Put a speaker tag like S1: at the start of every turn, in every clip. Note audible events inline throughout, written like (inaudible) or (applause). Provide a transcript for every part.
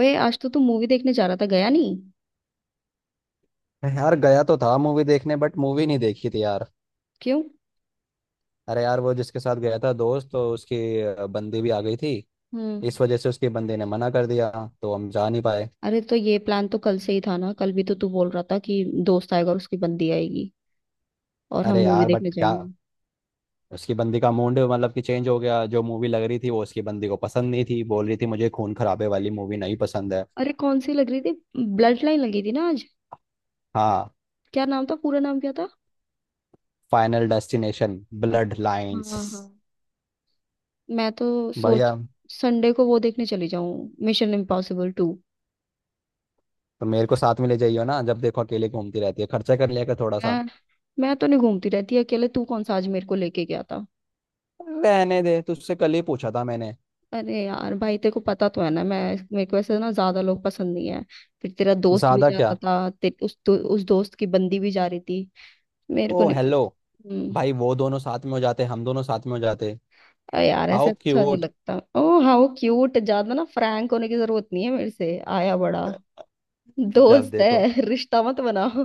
S1: ओए, आज तो तू मूवी देखने जा रहा था, गया नहीं?
S2: यार गया तो था मूवी देखने बट मूवी नहीं देखी थी यार।
S1: क्यों?
S2: अरे यार वो जिसके साथ गया था दोस्त तो उसकी बंदी भी आ गई थी।
S1: हम्म।
S2: इस वजह से उसकी बंदी ने मना कर दिया। तो हम जा नहीं पाए।
S1: अरे तो ये प्लान तो कल से ही था ना, कल भी तो तू बोल रहा था कि दोस्त आएगा और उसकी बंदी आएगी और हम
S2: अरे
S1: मूवी
S2: यार बट
S1: देखने
S2: क्या।
S1: जाएंगे।
S2: उसकी बंदी का मूड मतलब कि चेंज हो गया, जो मूवी लग रही थी वो उसकी बंदी को पसंद नहीं थी, बोल रही थी मुझे खून खराबे वाली मूवी नहीं पसंद है।
S1: अरे कौन सी लग रही थी? ब्लड लाइन लगी थी ना आज?
S2: हाँ।
S1: क्या नाम था, पूरा नाम क्या था?
S2: फाइनल डेस्टिनेशन
S1: अच्छा,
S2: ब्लड
S1: हाँ
S2: लाइंस।
S1: हाँ। मैं तो सोच,
S2: बढ़िया।
S1: संडे को वो देखने चली जाऊं, मिशन इम्पॉसिबल टू।
S2: तो मेरे को साथ में ले जाइयो ना, जब देखो अकेले घूमती रहती है, खर्चा कर लिया कर थोड़ा सा।
S1: मैं मैं तो नहीं घूमती रहती अकेले, तू कौन सा आज मेरे को लेके गया था?
S2: रहने दे, तुझसे कल ही पूछा था मैंने।
S1: अरे यार भाई, तेरे को पता तो है ना, मैं, मेरे को ऐसे ना, ज्यादा लोग पसंद नहीं है। फिर तेरा दोस्त भी
S2: ज्यादा
S1: जा रहा
S2: क्या।
S1: था, उस दोस्त की बंदी भी जा रही थी। मेरे को
S2: ओ
S1: नहीं पसंद।
S2: हेलो।
S1: हम्म।
S2: भाई वो दोनों साथ में हो जाते, हम दोनों साथ में हो जाते।
S1: अरे यार ऐसे
S2: हाउ
S1: अच्छा नहीं
S2: क्यूट।
S1: लगता, ओ हाउ क्यूट, ज्यादा ना फ्रैंक होने की जरूरत नहीं है मेरे से, आया बड़ा
S2: जब
S1: दोस्त
S2: देखो।
S1: है (laughs) रिश्ता मत बनाओ।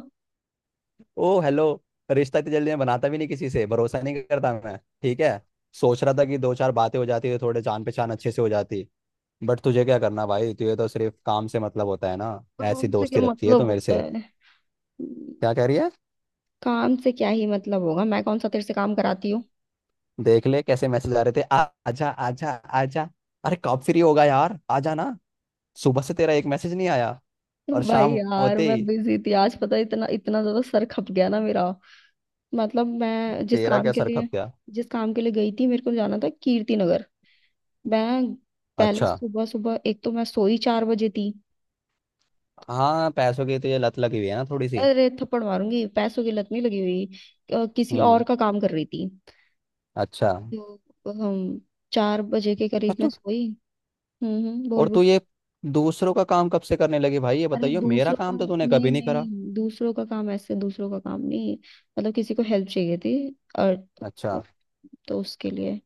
S2: ओ हेलो। रिश्ता इतनी जल्दी मैं बनाता भी नहीं, किसी से भरोसा नहीं करता मैं। ठीक है। सोच रहा था कि दो चार बातें हो जाती तो थोड़े जान पहचान अच्छे से हो जाती। बट तुझे क्या करना भाई, तुझे तो सिर्फ काम से मतलब होता है ना। ऐसी
S1: काम से क्या
S2: दोस्ती रखती है तू
S1: मतलब
S2: मेरे
S1: होता
S2: से।
S1: है? हम्म।
S2: क्या कह रही है।
S1: काम से क्या ही मतलब होगा, मैं कौन सा तेरे से काम कराती हूँ?
S2: देख ले कैसे मैसेज आ रहे थे, आ, आजा आजा आजा। अरे कब फ्री होगा यार, आजा ना। सुबह से तेरा एक मैसेज नहीं आया और
S1: (laughs) भाई
S2: शाम
S1: यार,
S2: होते
S1: मैं
S2: ही।
S1: बिजी थी आज, पता है, इतना इतना ज्यादा सर खप गया ना मेरा। मतलब मैं जिस
S2: तेरा
S1: काम
S2: क्या
S1: के
S2: सर
S1: लिए,
S2: खप गया।
S1: जिस काम के लिए गई थी, मेरे को जाना था कीर्ति नगर। मैं, पहले
S2: अच्छा।
S1: सुबह सुबह, एक तो मैं सोई 4 बजे थी।
S2: हाँ, पैसों की तो ये लत लगी हुई है ना थोड़ी सी।
S1: अरे थप्पड़ मारूंगी, पैसों की लत नहीं लगी हुई। किसी और
S2: हम्म।
S1: का काम कर रही थी।
S2: अच्छा।
S1: तो हम, 4 बजे के
S2: पर
S1: करीब मैं
S2: तू
S1: सोई। बोल
S2: और तू
S1: बोल।
S2: ये दूसरों का काम कब से करने लगी भाई, ये
S1: अरे
S2: बताइयो, मेरा
S1: दूसरों का,
S2: काम तो तूने
S1: नहीं
S2: कभी नहीं करा।
S1: नहीं, दूसरों का काम, ऐसे दूसरों का काम नहीं, मतलब किसी को हेल्प चाहिए थी। और,
S2: अच्छा।
S1: तो उसके लिए,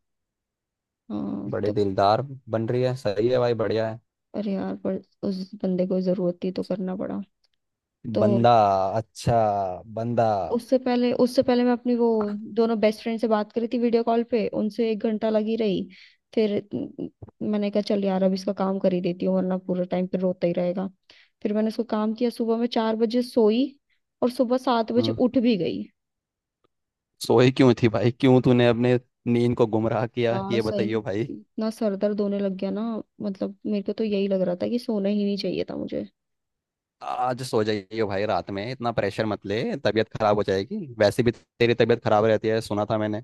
S1: हाँ
S2: बड़े
S1: तो,
S2: दिलदार बन रही है, सही है भाई, बढ़िया है।
S1: अरे यार पर, उस बंदे को जरूरत थी तो करना पड़ा। तो,
S2: बंदा। अच्छा। बंदा।
S1: उससे पहले मैं अपनी वो, दोनों बेस्ट फ्रेंड से बात करी थी, वीडियो कॉल पे उनसे 1 घंटा लगी रही। फिर न- मैंने कहा चल यार अब इसका काम कर ही देती हूँ, वरना पूरा टाइम पे रोता ही रहेगा। फिर मैंने उसको काम किया, सुबह में 4 बजे सोई और सुबह 7 बजे
S2: हम्म।
S1: उठ भी गई।
S2: सोई क्यों थी भाई, क्यों तूने अपने नींद को गुमराह किया,
S1: यार
S2: ये
S1: सही में
S2: बताइयो भाई।
S1: इतना सर दर्द होने लग गया ना। मतलब मेरे को तो यही लग रहा था कि सोना ही नहीं चाहिए था मुझे।
S2: आज सो जाइयो भाई, रात में इतना प्रेशर मत ले, तबीयत खराब हो जाएगी, वैसे भी तेरी तबीयत खराब रहती है सुना था मैंने।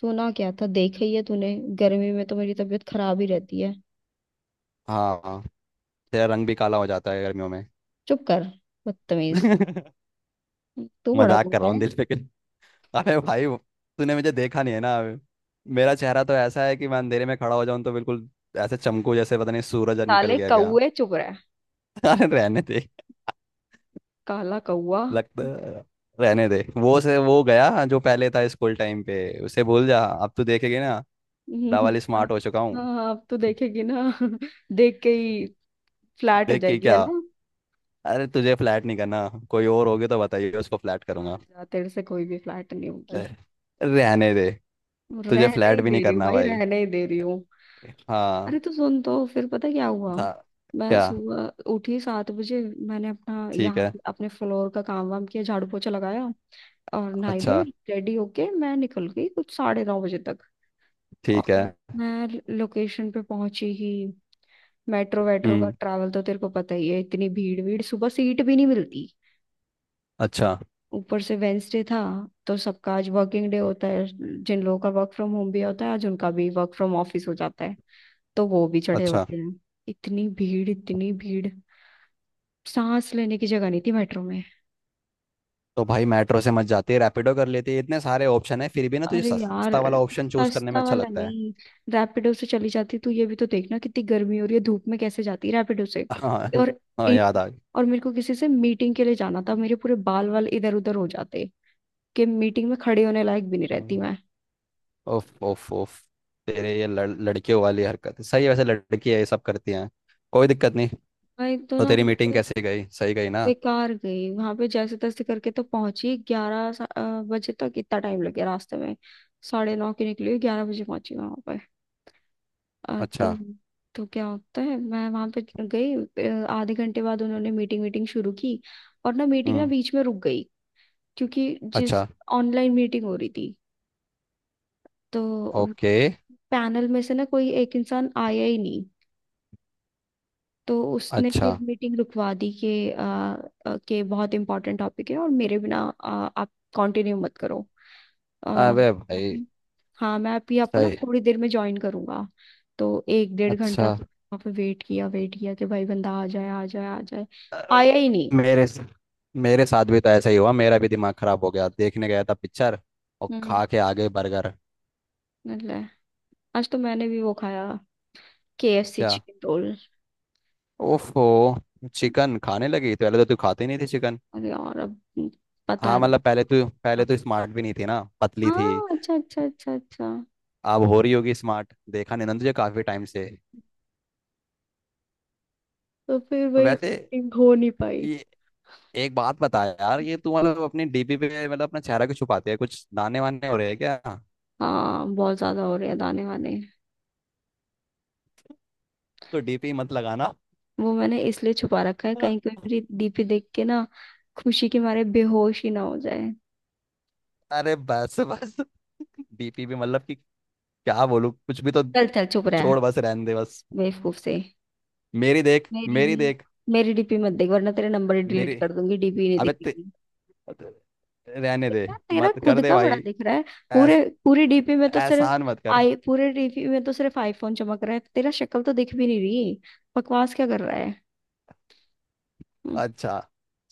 S1: सोना क्या था, देखा ही है तूने, गर्मी में तो मेरी तबीयत खराब ही रहती है।
S2: हाँ हाँ, तेरा रंग भी काला हो जाता है गर्मियों में।
S1: चुप कर, बदतमीज।
S2: (laughs)
S1: तू बड़ा
S2: मजाक कर
S1: गंदा
S2: रहा हूँ
S1: है।
S2: दिल पे के (laughs) अरे भाई वो- तूने मुझे देखा नहीं है ना अभी। मेरा चेहरा तो ऐसा है कि मैं अंधेरे में खड़ा हो जाऊं तो बिल्कुल ऐसे चमकू, जैसे पता नहीं सूरज निकल
S1: साले
S2: गया क्या।
S1: कौए चुप रहे,
S2: (laughs) अरे रहने दे,
S1: काला कौआ।
S2: लगता, रहने दे, वो से वो गया जो पहले था स्कूल टाइम पे, उसे भूल जा, अब तू देखेगी ना।
S1: हम्म,
S2: डबल
S1: (laughs) हाँ।
S2: स्मार्ट हो चुका हूँ।
S1: हाँ, अब तो देखेगी ना (laughs) देख के ही फ्लैट हो
S2: देख के
S1: जाएगी है
S2: क्या।
S1: ना।
S2: अरे तुझे फ्लैट नहीं करना, कोई और होगी तो बताइए, उसको फ्लैट
S1: जा
S2: करूंगा।
S1: जा, तेरे से कोई भी फ्लैट नहीं होगी।
S2: अरे, रहने दे। तुझे
S1: रहने
S2: फ्लैट
S1: ही
S2: भी
S1: दे
S2: नहीं
S1: रही हूँ
S2: करना
S1: भाई,
S2: भाई।
S1: रहने ही दे रही हूँ। अरे
S2: हाँ।
S1: तो सुन, तो फिर पता क्या हुआ।
S2: था
S1: मैं
S2: क्या।
S1: सुबह उठी 7 बजे, मैंने अपना
S2: ठीक
S1: यहाँ
S2: है।
S1: पे अपने फ्लोर का काम वाम किया, झाड़ू पोछा लगाया और नहाई
S2: अच्छा,
S1: धोई, रेडी होके मैं निकल गई कुछ 9:30 बजे तक।
S2: ठीक है।
S1: और मैं लोकेशन पे पहुंची ही, मेट्रो वेट्रो का
S2: हम्म,
S1: ट्रैवल तो तेरे को पता ही है, इतनी भीड़ भीड़ सुबह, सीट भी नहीं मिलती।
S2: अच्छा
S1: ऊपर से वेंसडे था, तो सबका आज वर्किंग डे होता है। जिन लोगों का वर्क फ्रॉम होम भी होता है, आज उनका भी वर्क फ्रॉम ऑफिस हो जाता है, तो वो भी चढ़े
S2: अच्छा।
S1: होते हैं। इतनी भीड़ इतनी भीड़, सांस लेने की जगह नहीं थी मेट्रो में।
S2: तो भाई मेट्रो से मत जाती है, रैपिडो कर लेती है, इतने सारे ऑप्शन है, फिर भी ना तुझे
S1: अरे यार,
S2: सस्ता वाला ऑप्शन चूज करने में
S1: सस्ता
S2: अच्छा
S1: वाला
S2: लगता है।
S1: नहीं, रैपिडो से चली जाती, तू ये भी तो देखना कितनी गर्मी हो रही है, धूप में कैसे जाती रैपिडो से।
S2: हाँ
S1: और,
S2: हाँ,
S1: ए-
S2: याद आ गई।
S1: और मेरे को किसी से मीटिंग के लिए जाना था, मेरे पूरे बाल वाल इधर उधर हो जाते कि मीटिंग में खड़े होने लायक भी नहीं रहती मैं।
S2: ओफ ओफ ओफ। तेरे ये लड़कियों वाली हरकत है। सही है वैसे, लड़की है ये सब करती हैं, कोई दिक्कत नहीं।
S1: भाई तो
S2: तो
S1: ना
S2: तेरी
S1: वहाँ
S2: मीटिंग
S1: पे,
S2: कैसे गई, सही गई ना।
S1: बेकार गई, वहां पे जैसे तैसे करके तो पहुंची बजे तक, इतना टाइम लग गया रास्ते में। साढ़े नौ की निकली, 11 बजे पहुंची वहां पे। अ, तो
S2: अच्छा।
S1: तो क्या होता है, मैं वहां पे गई, आधे घंटे बाद उन्होंने मीटिंग वीटिंग शुरू की। और ना मीटिंग ना
S2: हम्म।
S1: बीच में रुक गई, क्योंकि जिस,
S2: अच्छा।
S1: ऑनलाइन मीटिंग हो रही थी तो
S2: ओके।
S1: पैनल में से ना कोई एक इंसान आया ही नहीं। तो उसने
S2: अच्छा।
S1: फिर मीटिंग रुकवा दी कि आ, आ, कि बहुत इंपॉर्टेंट टॉपिक है और मेरे बिना आप कंटिन्यू मत करो। आ,
S2: अबे
S1: मैं
S2: भाई।
S1: भी- हाँ, मैं अभी आपको ना
S2: सही।
S1: थोड़ी देर में ज्वाइन करूंगा। तो एक डेढ़
S2: अच्छा।
S1: घंटा तो वहाँ पे वेट किया, वेट किया कि भाई बंदा आ जाए आ जाए आ जाए।
S2: अरे,
S1: आया ही नहीं।
S2: मेरे मेरे साथ भी तो ऐसा ही हुआ, मेरा भी दिमाग खराब हो गया, देखने गया था पिक्चर और
S1: हम्म।
S2: खा के आ गए बर्गर।
S1: मतलब आज तो मैंने भी वो खाया, KFC
S2: क्या।
S1: Chicken roll.
S2: ओफो। चिकन खाने लगी, तो पहले तो तू खाती नहीं थी चिकन।
S1: अरे यार अब, पता
S2: हाँ,
S1: है ना।
S2: मतलब पहले तो स्मार्ट भी नहीं थी ना, पतली थी।
S1: हाँ अच्छा अच्छा अच्छा अच्छा।
S2: अब हो रही होगी स्मार्ट, देखा नहीं ना तुझे काफी टाइम से।
S1: तो फिर वही
S2: वैसे,
S1: meeting हो नहीं पाई।
S2: ये एक बात बता यार, ये तू मतलब अपनी डीपी पे, मतलब अपना चेहरा क्यों छुपाती है, कुछ दाने वाने हो रहे हैं क्या।
S1: हाँ बहुत ज्यादा हो रहे हैं दाने वाने।
S2: तो डीपी मत लगाना।
S1: वो मैंने इसलिए छुपा रखा है, कहीं कोई
S2: (laughs)
S1: मेरी डीपी देख के ना खुशी के मारे बेहोश ही ना हो जाए।
S2: अरे बस बस, डीपी भी मतलब कि क्या बोलूं, कुछ भी तो।
S1: चल चल चुप रहा है,
S2: छोड़, बस रहने दे बस।
S1: बेवकूफ से।
S2: मेरी देख,
S1: मेरी
S2: मेरी
S1: भी
S2: देख,
S1: मेरी डीपी मत देख, वरना तेरा नंबर ही डिलीट
S2: मेरी
S1: कर दूंगी, डीपी नहीं
S2: अबे ते,
S1: दिखेगी।
S2: रहने दे।
S1: तेरा तेरा
S2: मत
S1: खुद
S2: कर दे
S1: का बड़ा
S2: भाई,
S1: दिख रहा है। पूरे
S2: ऐस
S1: पूरी डीपी में तो सिर्फ
S2: एहसान मत कर।
S1: आई पूरे डीपी में तो सिर्फ आईफोन चमक रहा है, तेरा शक्ल तो दिख भी नहीं रही। बकवास क्या कर रहा है? हम्म।
S2: अच्छा,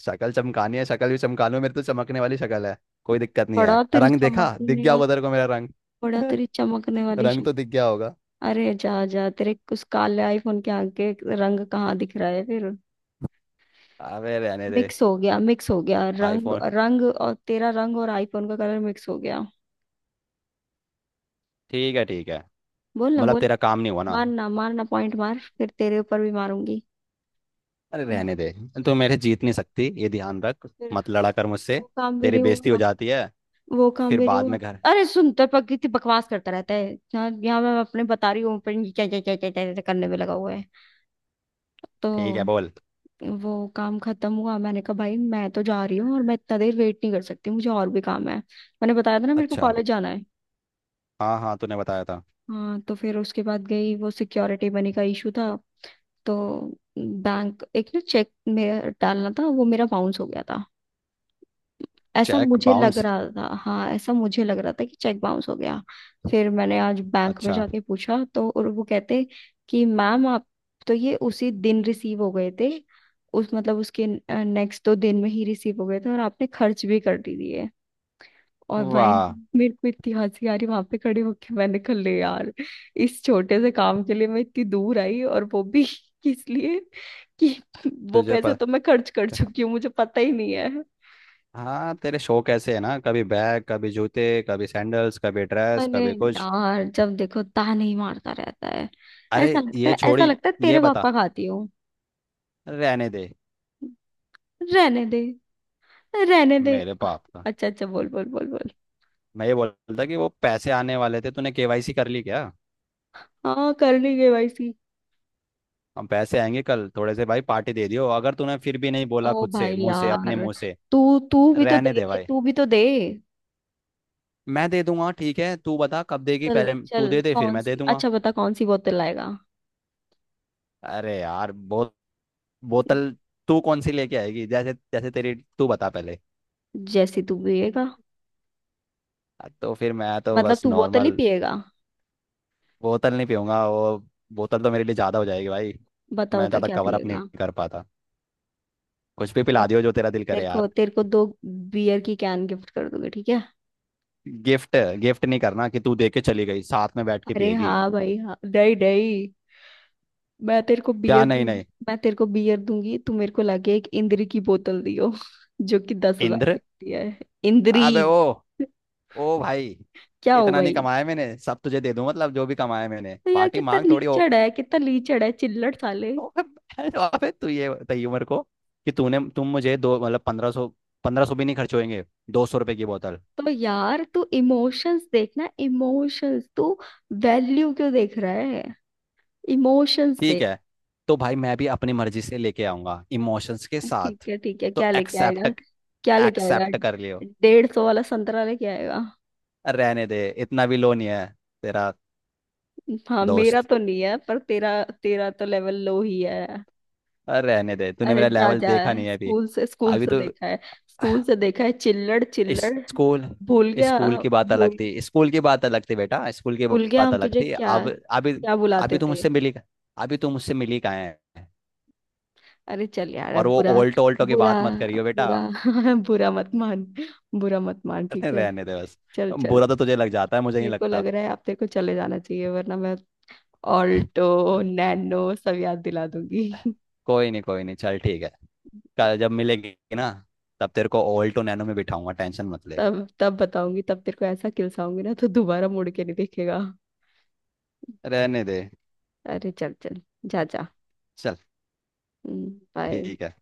S2: शक्ल चमकानी है, शक्ल भी चमका लो, मेरी तो चमकने वाली शक्ल है, कोई दिक्कत नहीं है,
S1: बड़ा तेरी
S2: रंग देखा, दिख
S1: चमकने
S2: गया
S1: वाली
S2: होगा तेरे को मेरा रंग।
S1: बड़ा तेरी चमकने
S2: (laughs)
S1: वाली।
S2: रंग तो दिख गया होगा।
S1: अरे जा जा, तेरे उस काले आईफोन के आगे रंग कहाँ दिख रहा है फिर?
S2: अबे रहने दे।
S1: मिक्स हो गया रंग
S2: आईफोन।
S1: रंग और तेरा रंग और आईफोन का कलर मिक्स हो गया।
S2: ठीक है ठीक है।
S1: बोल ना
S2: मतलब
S1: बोल।
S2: तेरा काम नहीं हुआ ना।
S1: मारना मारना पॉइंट मार, फिर तेरे ऊपर भी मारूंगी।
S2: अरे रहने दे, तू मेरे जीत नहीं सकती, ये ध्यान रख,
S1: फिर
S2: मत लड़ा कर मुझसे,
S1: वो काम भी
S2: तेरी
S1: नहीं
S2: बेइज्जती हो
S1: हुआ
S2: जाती है।
S1: वो काम
S2: फिर
S1: भी नहीं
S2: बाद
S1: हुआ।
S2: में घर।
S1: अरे सुन, तेरे पर कितनी बकवास करता रहता है, यहाँ यहाँ मैं अपने बता रही हूँ, पर ये क्या क्या क्या क्या क्या क्या करने में लगा हुआ है।
S2: ठीक है,
S1: तो
S2: बोल।
S1: वो काम खत्म हुआ, मैंने कहा भाई मैं तो जा रही हूँ, और मैं इतना देर वेट नहीं कर सकती, मुझे और भी काम है, मैंने बताया था ना मेरे को
S2: अच्छा,
S1: कॉलेज जाना है।
S2: हाँ हाँ, तूने बताया था।
S1: हाँ, तो फिर उसके बाद गई, वो सिक्योरिटी मनी का इशू था। तो बैंक, एक ना चेक में डालना था, वो मेरा बाउंस हो गया था, ऐसा
S2: चेक
S1: मुझे लग
S2: बाउंस।
S1: रहा था। हाँ ऐसा मुझे लग रहा था कि चेक बाउंस हो गया। फिर मैंने आज बैंक में
S2: अच्छा।
S1: जाके पूछा तो, और वो कहते कि मैम आप, तो ये उसी दिन रिसीव हो गए थे, उस मतलब उसके नेक्स्ट 2 दिन में ही रिसीव हो गए थे और आपने खर्च भी कर दी दिए। और भाई
S2: वाह।
S1: मेरे को इतनी हंसी आ रही, वहां पे खड़े होके मैंने कहा ले यार, इस छोटे से काम के लिए मैं इतनी दूर आई, और वो भी (laughs) इसलिए कि वो
S2: तुझे
S1: पैसा
S2: पता,
S1: तो मैं खर्च कर चुकी हूँ, मुझे पता ही नहीं है।
S2: हाँ तेरे शौक ऐसे है ना, कभी बैग, कभी जूते, कभी सैंडल्स, कभी ड्रेस,
S1: अरे
S2: कभी कुछ।
S1: यार जब देखो ताने ही मारता रहता है।
S2: अरे
S1: ऐसा लगता
S2: ये
S1: है ऐसा
S2: छोड़ी।
S1: लगता है
S2: ये
S1: तेरे
S2: बता,
S1: पापा खाती हूँ।
S2: रहने दे
S1: रहने दे, रहने दे।
S2: मेरे बाप का।
S1: अच्छा अच्छा, बोल बोल बोल बोल।
S2: मैं ये बोल रहा था कि वो पैसे आने वाले थे, तूने केवाईसी कर ली क्या।
S1: हाँ कर ली केवाईसी।
S2: हम, पैसे आएंगे कल थोड़े से भाई, पार्टी दे दियो, अगर तूने फिर भी नहीं बोला
S1: ओ
S2: खुद से
S1: भाई
S2: मुंह से, अपने
S1: यार,
S2: मुंह से।
S1: तू तू भी तो
S2: रहने
S1: दे,
S2: दे भाई।
S1: तू भी तो दे।
S2: मैं दे दूंगा ठीक है, तू बता कब देगी,
S1: चल
S2: पहले
S1: चल,
S2: तू दे दे, फिर
S1: कौन
S2: मैं
S1: सी,
S2: दे दूंगा।
S1: अच्छा बता कौन सी बोतल लाएगा?
S2: अरे यार बोतल तू कौन सी लेके आएगी, जैसे जैसे तेरी, तू बता पहले।
S1: जैसी तू पिएगा।
S2: तो फिर मैं तो
S1: मतलब
S2: बस
S1: तू बोतल ही
S2: नॉर्मल
S1: पिएगा?
S2: बोतल नहीं पीऊंगा वो, बोतल तो मेरे लिए ज्यादा हो जाएगी भाई।
S1: बता
S2: मैं
S1: बता
S2: ज्यादा
S1: क्या
S2: कवर अप नहीं
S1: पिएगा।
S2: कर पाता, कुछ भी
S1: चल,
S2: पिला दियो जो तेरा दिल
S1: तेरे
S2: करे
S1: को
S2: यार।
S1: तेरे को 2 बियर की कैन गिफ्ट कर दूंगी, ठीक है?
S2: गिफ्ट, गिफ्ट नहीं करना कि तू दे के चली गई, साथ में बैठ के
S1: अरे
S2: पिएगी।
S1: हाँ भाई हाँ, नहीं नहीं। मैं तेरे को
S2: क्या,
S1: बियर
S2: नहीं
S1: दूंगी
S2: नहीं।
S1: मैं तेरे को बियर दूंगी, तू मेरे को लाके एक इंद्री की बोतल दियो (laughs) जो कि 10,000 की
S2: इंद्र।
S1: आती है। इंद्री?
S2: अबे ओ। ओ भाई।
S1: क्या हो
S2: इतना नहीं
S1: भाई?
S2: कमाया मैंने सब तुझे दे दूं, मतलब जो भी कमाया मैंने,
S1: तो यार
S2: पार्टी
S1: कितना
S2: मांग थोड़ी हो।
S1: लीचड़ है, कितना लीचड़ है, चिल्लड़ साले।
S2: (laughs) अबे तू ये बताइए मेरे को, कि तूने तुम मुझे दो मतलब 1500, 1500 भी नहीं खर्च होएंगे, 200 रुपए की बोतल।
S1: तो यार तू इमोशंस देखना, इमोशंस, तू वैल्यू क्यों देख रहा है, इमोशंस
S2: ठीक
S1: देख।
S2: है, तो भाई मैं भी अपनी मर्जी से लेके आऊंगा इमोशंस के
S1: ठीक
S2: साथ।
S1: है ठीक है,
S2: तो
S1: क्या लेके
S2: एक्सेप्ट,
S1: आएगा? क्या लेके आएगा
S2: एक्सेप्ट कर लियो।
S1: 150 वाला संतरा लेके आएगा?
S2: रहने दे, इतना भी लो नहीं है तेरा।
S1: हाँ मेरा
S2: दोस्त,
S1: तो नहीं है, पर तेरा, तेरा तो लेवल लो ही है।
S2: रहने दे, तूने
S1: अरे
S2: मेरा
S1: जा
S2: लेवल
S1: जा,
S2: देखा नहीं है अभी।
S1: स्कूल से स्कूल
S2: अभी
S1: से
S2: तो।
S1: देखा है, स्कूल से देखा है, चिल्लड़ चिल्लड़।
S2: स्कूल,
S1: भूल गया,
S2: स्कूल की बात अलग
S1: भूल
S2: थी, स्कूल की बात अलग थी बेटा, स्कूल की
S1: भूल गया
S2: बात
S1: हम
S2: अलग
S1: तुझे
S2: थी
S1: क्या,
S2: अब, अभी
S1: क्या बुलाते
S2: अभी तुम
S1: थे?
S2: मुझसे मिली, अभी तुम मुझसे मिली कहाँ है।
S1: अरे चल यार, अब
S2: और वो
S1: बुरा,
S2: ऑल्टो, ऑल्टो की
S1: बुरा
S2: बात मत करियो बेटा।
S1: बुरा (laughs) बुरा मत मान, बुरा मत मान,
S2: अरे
S1: ठीक है।
S2: रहने दे बस।
S1: चल चल।
S2: बुरा तो तुझे लग जाता है, मुझे नहीं
S1: मेरे को लग
S2: लगता।
S1: रहा है आप तेरे को चले जाना चाहिए, वरना मैं ऑल्टो नैनो सब याद दिला दूंगी (laughs)
S2: कोई नहीं कोई नहीं, चल ठीक है, कल जब मिलेगी ना, तब तेरे को ऑल्टो नैनो में बिठाऊंगा, टेंशन मत ले।
S1: तब तब बताऊंगी, तब तेरे को ऐसा किलसाऊंगी ना तो दोबारा मुड़ के नहीं देखेगा।
S2: रहने दे,
S1: अरे चल चल, जा जा,
S2: चल
S1: बाय।
S2: ठीक है।